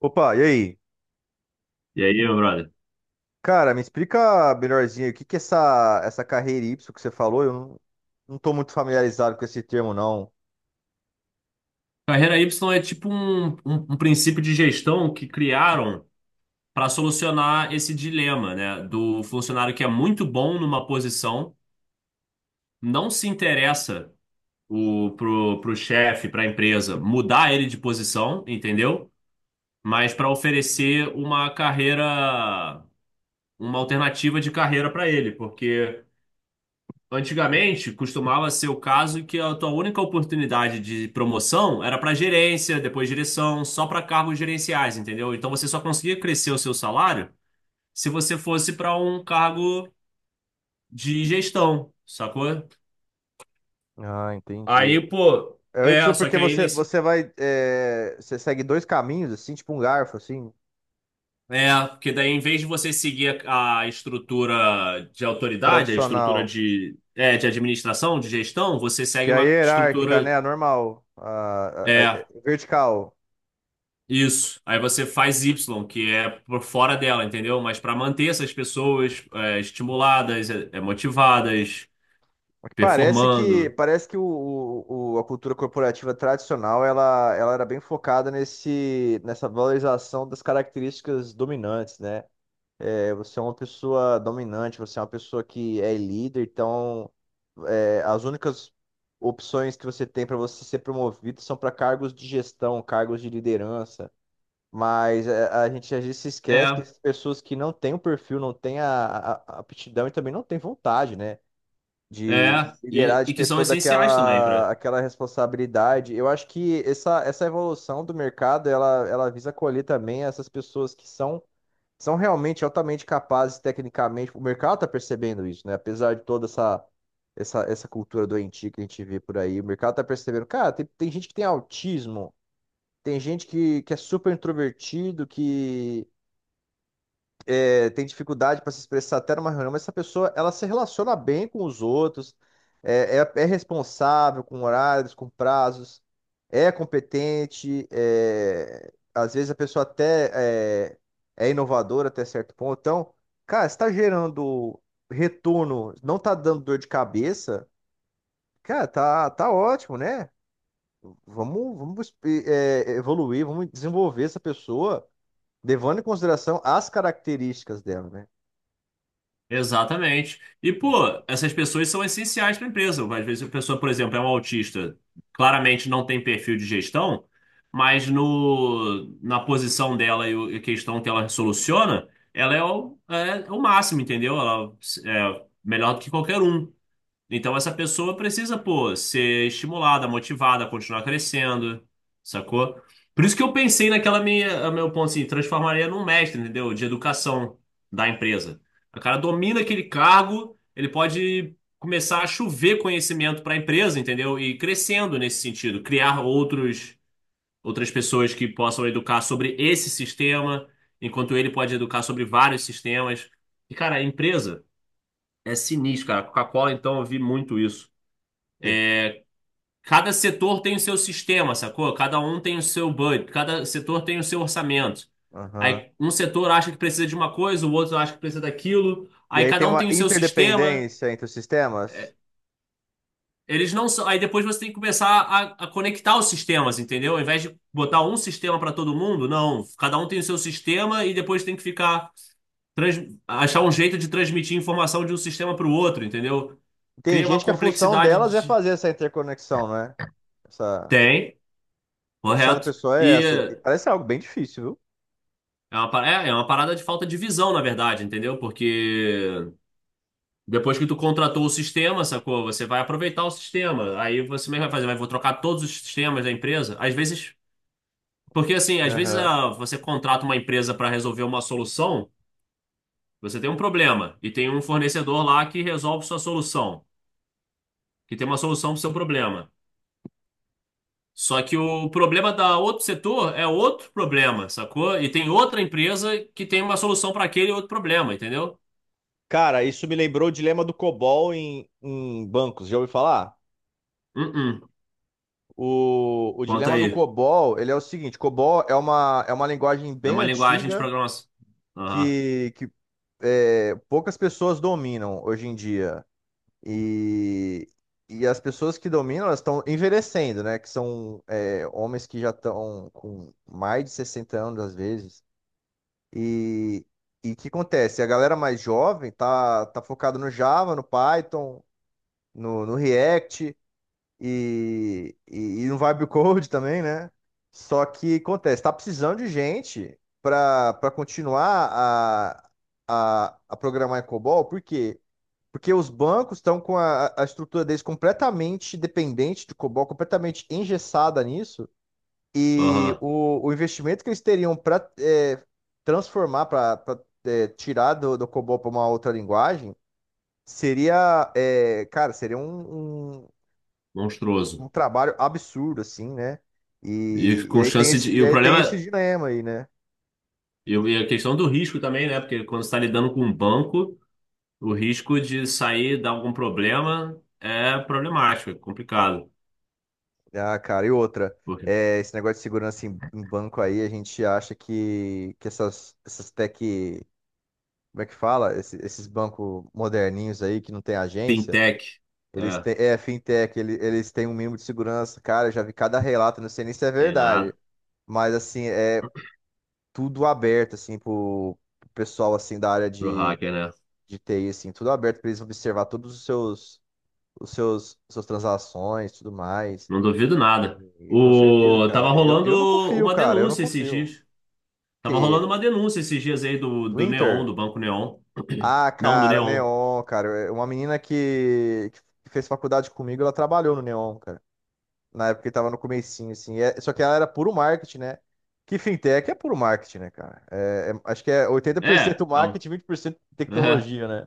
Opa, e aí? E aí, meu brother? Cara, me explica melhorzinho aí, o que que é essa carreira Y que você falou? Eu não tô muito familiarizado com esse termo, não. Carreira Y é tipo um princípio de gestão que criaram para solucionar esse dilema, né? Do funcionário que é muito bom numa posição, não se interessa pro chefe, para a empresa, mudar ele de posição, entendeu? Mas para oferecer uma carreira, uma alternativa de carreira para ele, porque. Antigamente, costumava ser o caso que a tua única oportunidade de promoção era para gerência, depois direção, só para cargos gerenciais, entendeu? Então você só conseguia crescer o seu salário se você fosse para um cargo de gestão, sacou? Ah, entendi. Aí, pô, É o Y só porque que aí nesse. Você segue dois caminhos, assim, tipo um garfo, assim, É, porque daí em vez de você seguir a estrutura de autoridade, a estrutura tradicional. de, de administração, de gestão, você Que segue é a uma hierárquica, estrutura. né? A normal. A, a- a- É. a vertical. Isso. Aí você faz Y, que é por fora dela, entendeu? Mas para manter essas pessoas estimuladas, motivadas, Parece que, performando. parece que a cultura corporativa tradicional ela era bem focada nessa valorização das características dominantes, né? Você é uma pessoa dominante, você é uma pessoa que é líder, então as únicas opções que você tem para você ser promovido são para cargos de gestão, cargos de liderança. Mas a gente às vezes se esquece que É, essas pessoas que não têm o perfil, não têm a aptidão e também não têm vontade, né? é. De liderar, E, de e que ter são toda essenciais também aquela, para. aquela responsabilidade. Eu acho que essa evolução do mercado, ela visa acolher também essas pessoas que são realmente altamente capazes tecnicamente. O mercado está percebendo isso, né? Apesar de toda essa cultura doentia que a gente vê por aí, o mercado está percebendo. Cara, tem gente que tem autismo, tem gente que é super introvertido, que tem dificuldade para se expressar até numa reunião, mas essa pessoa, ela se relaciona bem com os outros, é responsável com horários, com prazos, é competente, às vezes a pessoa até é, é inovadora até certo ponto. Então, cara, está gerando retorno, não tá dando dor de cabeça, cara, tá ótimo, né? Vamos evoluir, vamos desenvolver essa pessoa, levando em consideração as características dela, né? Exatamente. E, pô, Então. essas pessoas são essenciais para a empresa. Às vezes a pessoa, por exemplo, é um autista, claramente não tem perfil de gestão, mas no, na posição dela e e a questão que ela soluciona, ela é o máximo, entendeu? Ela é melhor do que qualquer um. Então essa pessoa precisa, pô, ser estimulada, motivada, continuar crescendo, sacou? Por isso que eu pensei naquela minha, a meu ponto assim, transformaria num mestre, entendeu? De educação da empresa. O cara domina aquele cargo, ele pode começar a chover conhecimento para a empresa, entendeu? E ir crescendo nesse sentido, criar outros outras pessoas que possam educar sobre esse sistema, enquanto ele pode educar sobre vários sistemas. E cara, a empresa é sinistro, cara. A Coca-Cola, então, eu vi muito isso. Cada setor tem o seu sistema, sacou? Cada um tem o seu budget, cada setor tem o seu orçamento. Aham. Aí um setor acha que precisa de uma coisa, o outro acha que precisa daquilo. E Aí aí tem cada um uma tem o seu sistema. interdependência entre os sistemas. Eles não são... Aí depois você tem que começar a conectar os sistemas, entendeu? Ao invés de botar um sistema para todo mundo, não. Cada um tem o seu sistema e depois tem que ficar trans... achar um jeito de transmitir informação de um sistema para o outro, entendeu? Tem Cria uma gente que a função complexidade delas é de... fazer essa interconexão, né? Essa Tem, função da correto. pessoa é E essa. E parece algo bem difícil, viu? é uma parada de falta de visão, na verdade, entendeu? Porque depois que tu contratou o sistema, sacou? Você vai aproveitar o sistema. Aí você mesmo vai fazer, vai, vou trocar todos os sistemas da empresa. Às vezes, porque assim, às vezes Aham. Você contrata uma empresa para resolver uma solução, você tem um problema e tem um fornecedor lá que resolve sua solução, que tem uma solução para o seu problema. Só que o problema da outro setor é outro problema, sacou? E tem outra empresa que tem uma solução para aquele outro problema, entendeu? Cara, isso me lembrou o dilema do COBOL em bancos. Já ouviu falar? Uh-uh. O Conta dilema do aí. COBOL, ele é o seguinte, COBOL é uma linguagem É bem uma linguagem de antiga programação. Aham, que poucas pessoas dominam hoje em dia. E, e as pessoas que dominam, elas estão envelhecendo, né? Que são homens que já estão com mais de 60 anos, às vezes. E e o que acontece? A galera mais jovem tá focada no Java, no Python, no React e, e, e no Vibe Code também, né? Só que acontece, tá precisando de gente para continuar a programar em COBOL, porque os bancos estão com a estrutura deles completamente dependente de COBOL, completamente engessada nisso, e aham, o investimento que eles teriam para transformar, para tirar do COBOL para uma outra linguagem, cara, seria um, um, monstruoso. um trabalho absurdo, assim, né? E E com aí tem chance de. esse, E e o aí tem esse problema. dilema aí, né? E e a questão do risco também, né? Porque quando você está lidando com um banco, o risco de sair, dar algum problema é problemático, é complicado. Ah, cara, e outra. Porque É, esse negócio de segurança em banco aí, a gente acha que essas tech, como é que fala? Esses bancos moderninhos aí que não tem agência, fintech, eles é, têm, é fintech, eles têm um mínimo de segurança. Cara, eu já vi cada relato, não sei nem se é tem verdade, nada mas assim, é tudo aberto assim pro pessoal assim da área pro de, hacker, né? de TI assim, tudo aberto para eles observar todos os seus suas transações, tudo mais. Não duvido nada. E com certeza, O, cara. tava Eu, rolando eu não confio, uma cara, eu não denúncia esses confio. dias. Tava rolando Que uma denúncia esses dias aí do, do do Neon, Inter. do Banco Neon. Ah, Não, do cara, Neon. Neon, cara. Uma menina que fez faculdade comigo, ela trabalhou no Neon, cara. Na época que tava no comecinho, assim. Só que ela era puro marketing, né? Que fintech é puro marketing, né, cara? Acho que é oitenta por É, cento é, um- marketing, 20% tecnologia, né?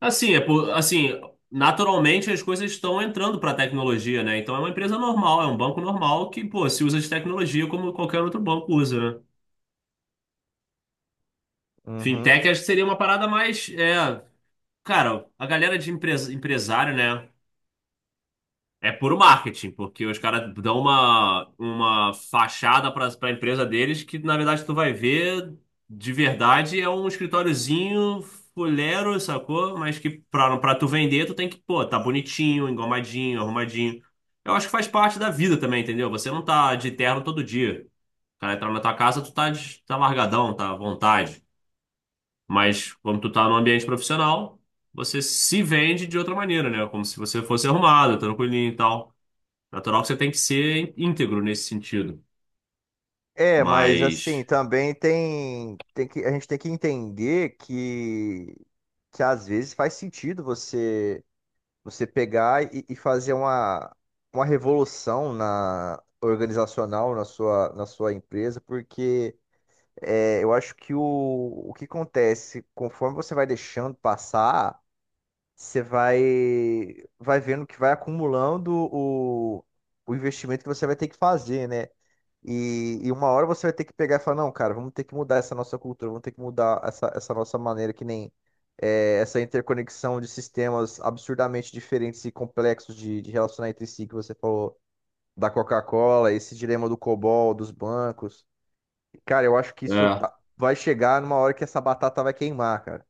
Assim, é por, assim, naturalmente as coisas estão entrando para a tecnologia, né? Então é uma empresa normal, é um banco normal que, pô, se usa de tecnologia como qualquer outro banco usa, né? Uhum. Fintech acho que seria uma parada mais, cara, a galera de empresa, empresário, né? É puro marketing, porque os caras dão uma fachada para a empresa deles que, na verdade, tu vai ver de verdade é um escritóriozinho fuleiro, sacou? Mas que pra, pra tu vender, tu tem que, pô, tá bonitinho, engomadinho, arrumadinho. Eu acho que faz parte da vida também, entendeu? Você não tá de terno todo dia. O cara entra na tua casa, tu tá, tá largadão, tá à vontade. Mas quando tu tá no ambiente profissional, você se vende de outra maneira, né? Como se você fosse arrumado, tranquilinho e tal. Natural que você tem que ser íntegro nesse sentido. É, mas assim, Mas, também a gente tem que entender que às vezes faz sentido você. Você pegar e fazer uma revolução na organizacional na sua empresa, porque eu acho que o que acontece, conforme você vai deixando passar, você vai, vai, vendo que vai acumulando o investimento que você vai ter que fazer, né? E uma hora você vai ter que pegar e falar, não, cara, vamos ter que mudar essa nossa cultura, vamos ter que mudar essa nossa maneira, que nem essa interconexão de sistemas absurdamente diferentes e complexos de relacionar entre si, que você falou da Coca-Cola, esse dilema do COBOL, dos bancos. Cara, eu acho que isso é, vai chegar numa hora que essa batata vai queimar, cara.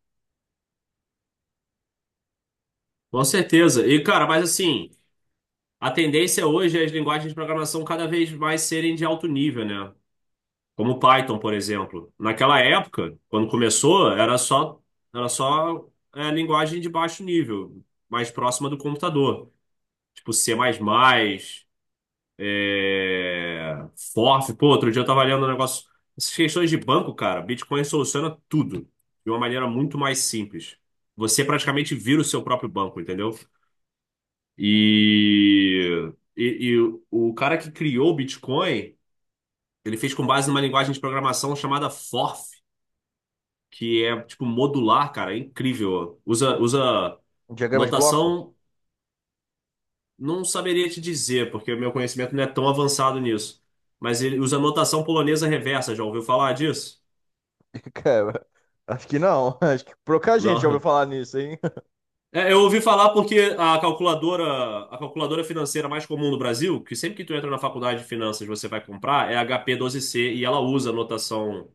com certeza. E, cara, mas assim, a tendência hoje é as linguagens de programação cada vez mais serem de alto nível, né? Como Python, por exemplo. Naquela época, quando começou, era só, era só linguagem de baixo nível, mais próxima do computador. Tipo C++, É... FOF, pô, outro dia eu tava lendo um negócio. Essas questões de banco, cara, Bitcoin soluciona tudo de uma maneira muito mais simples. Você praticamente vira o seu próprio banco, entendeu? E, e, e o cara que criou o Bitcoin, ele fez com base numa linguagem de programação chamada FORF, que é tipo modular, cara, é incrível. Usa Um diagrama de bloco? notação. Não saberia te dizer, porque o meu conhecimento não é tão avançado nisso. Mas ele usa notação polonesa reversa, já ouviu falar disso? Cara, acho que não. Acho que pouca gente já ouviu Não. falar nisso, hein? É, eu ouvi falar porque a calculadora financeira mais comum no Brasil, que sempre que tu entra na faculdade de finanças você vai comprar, é a HP12C e ela usa notação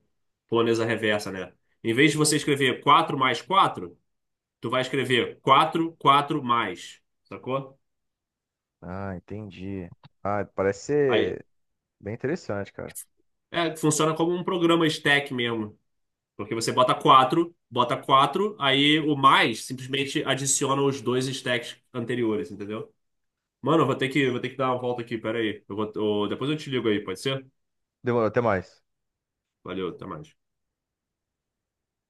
polonesa reversa, né? Em vez de você escrever 4 mais 4, tu vai escrever 4, 4 mais, sacou? Ah, entendi. Ah, parece Aí, ser bem interessante, cara. Funciona como um programa stack mesmo. Porque você bota 4 aí o mais simplesmente adiciona os dois stacks anteriores, entendeu? Mano, eu vou ter que, dar uma volta aqui, pera aí. Depois eu te ligo aí, pode ser? Demorou, até mais. Valeu, até mais.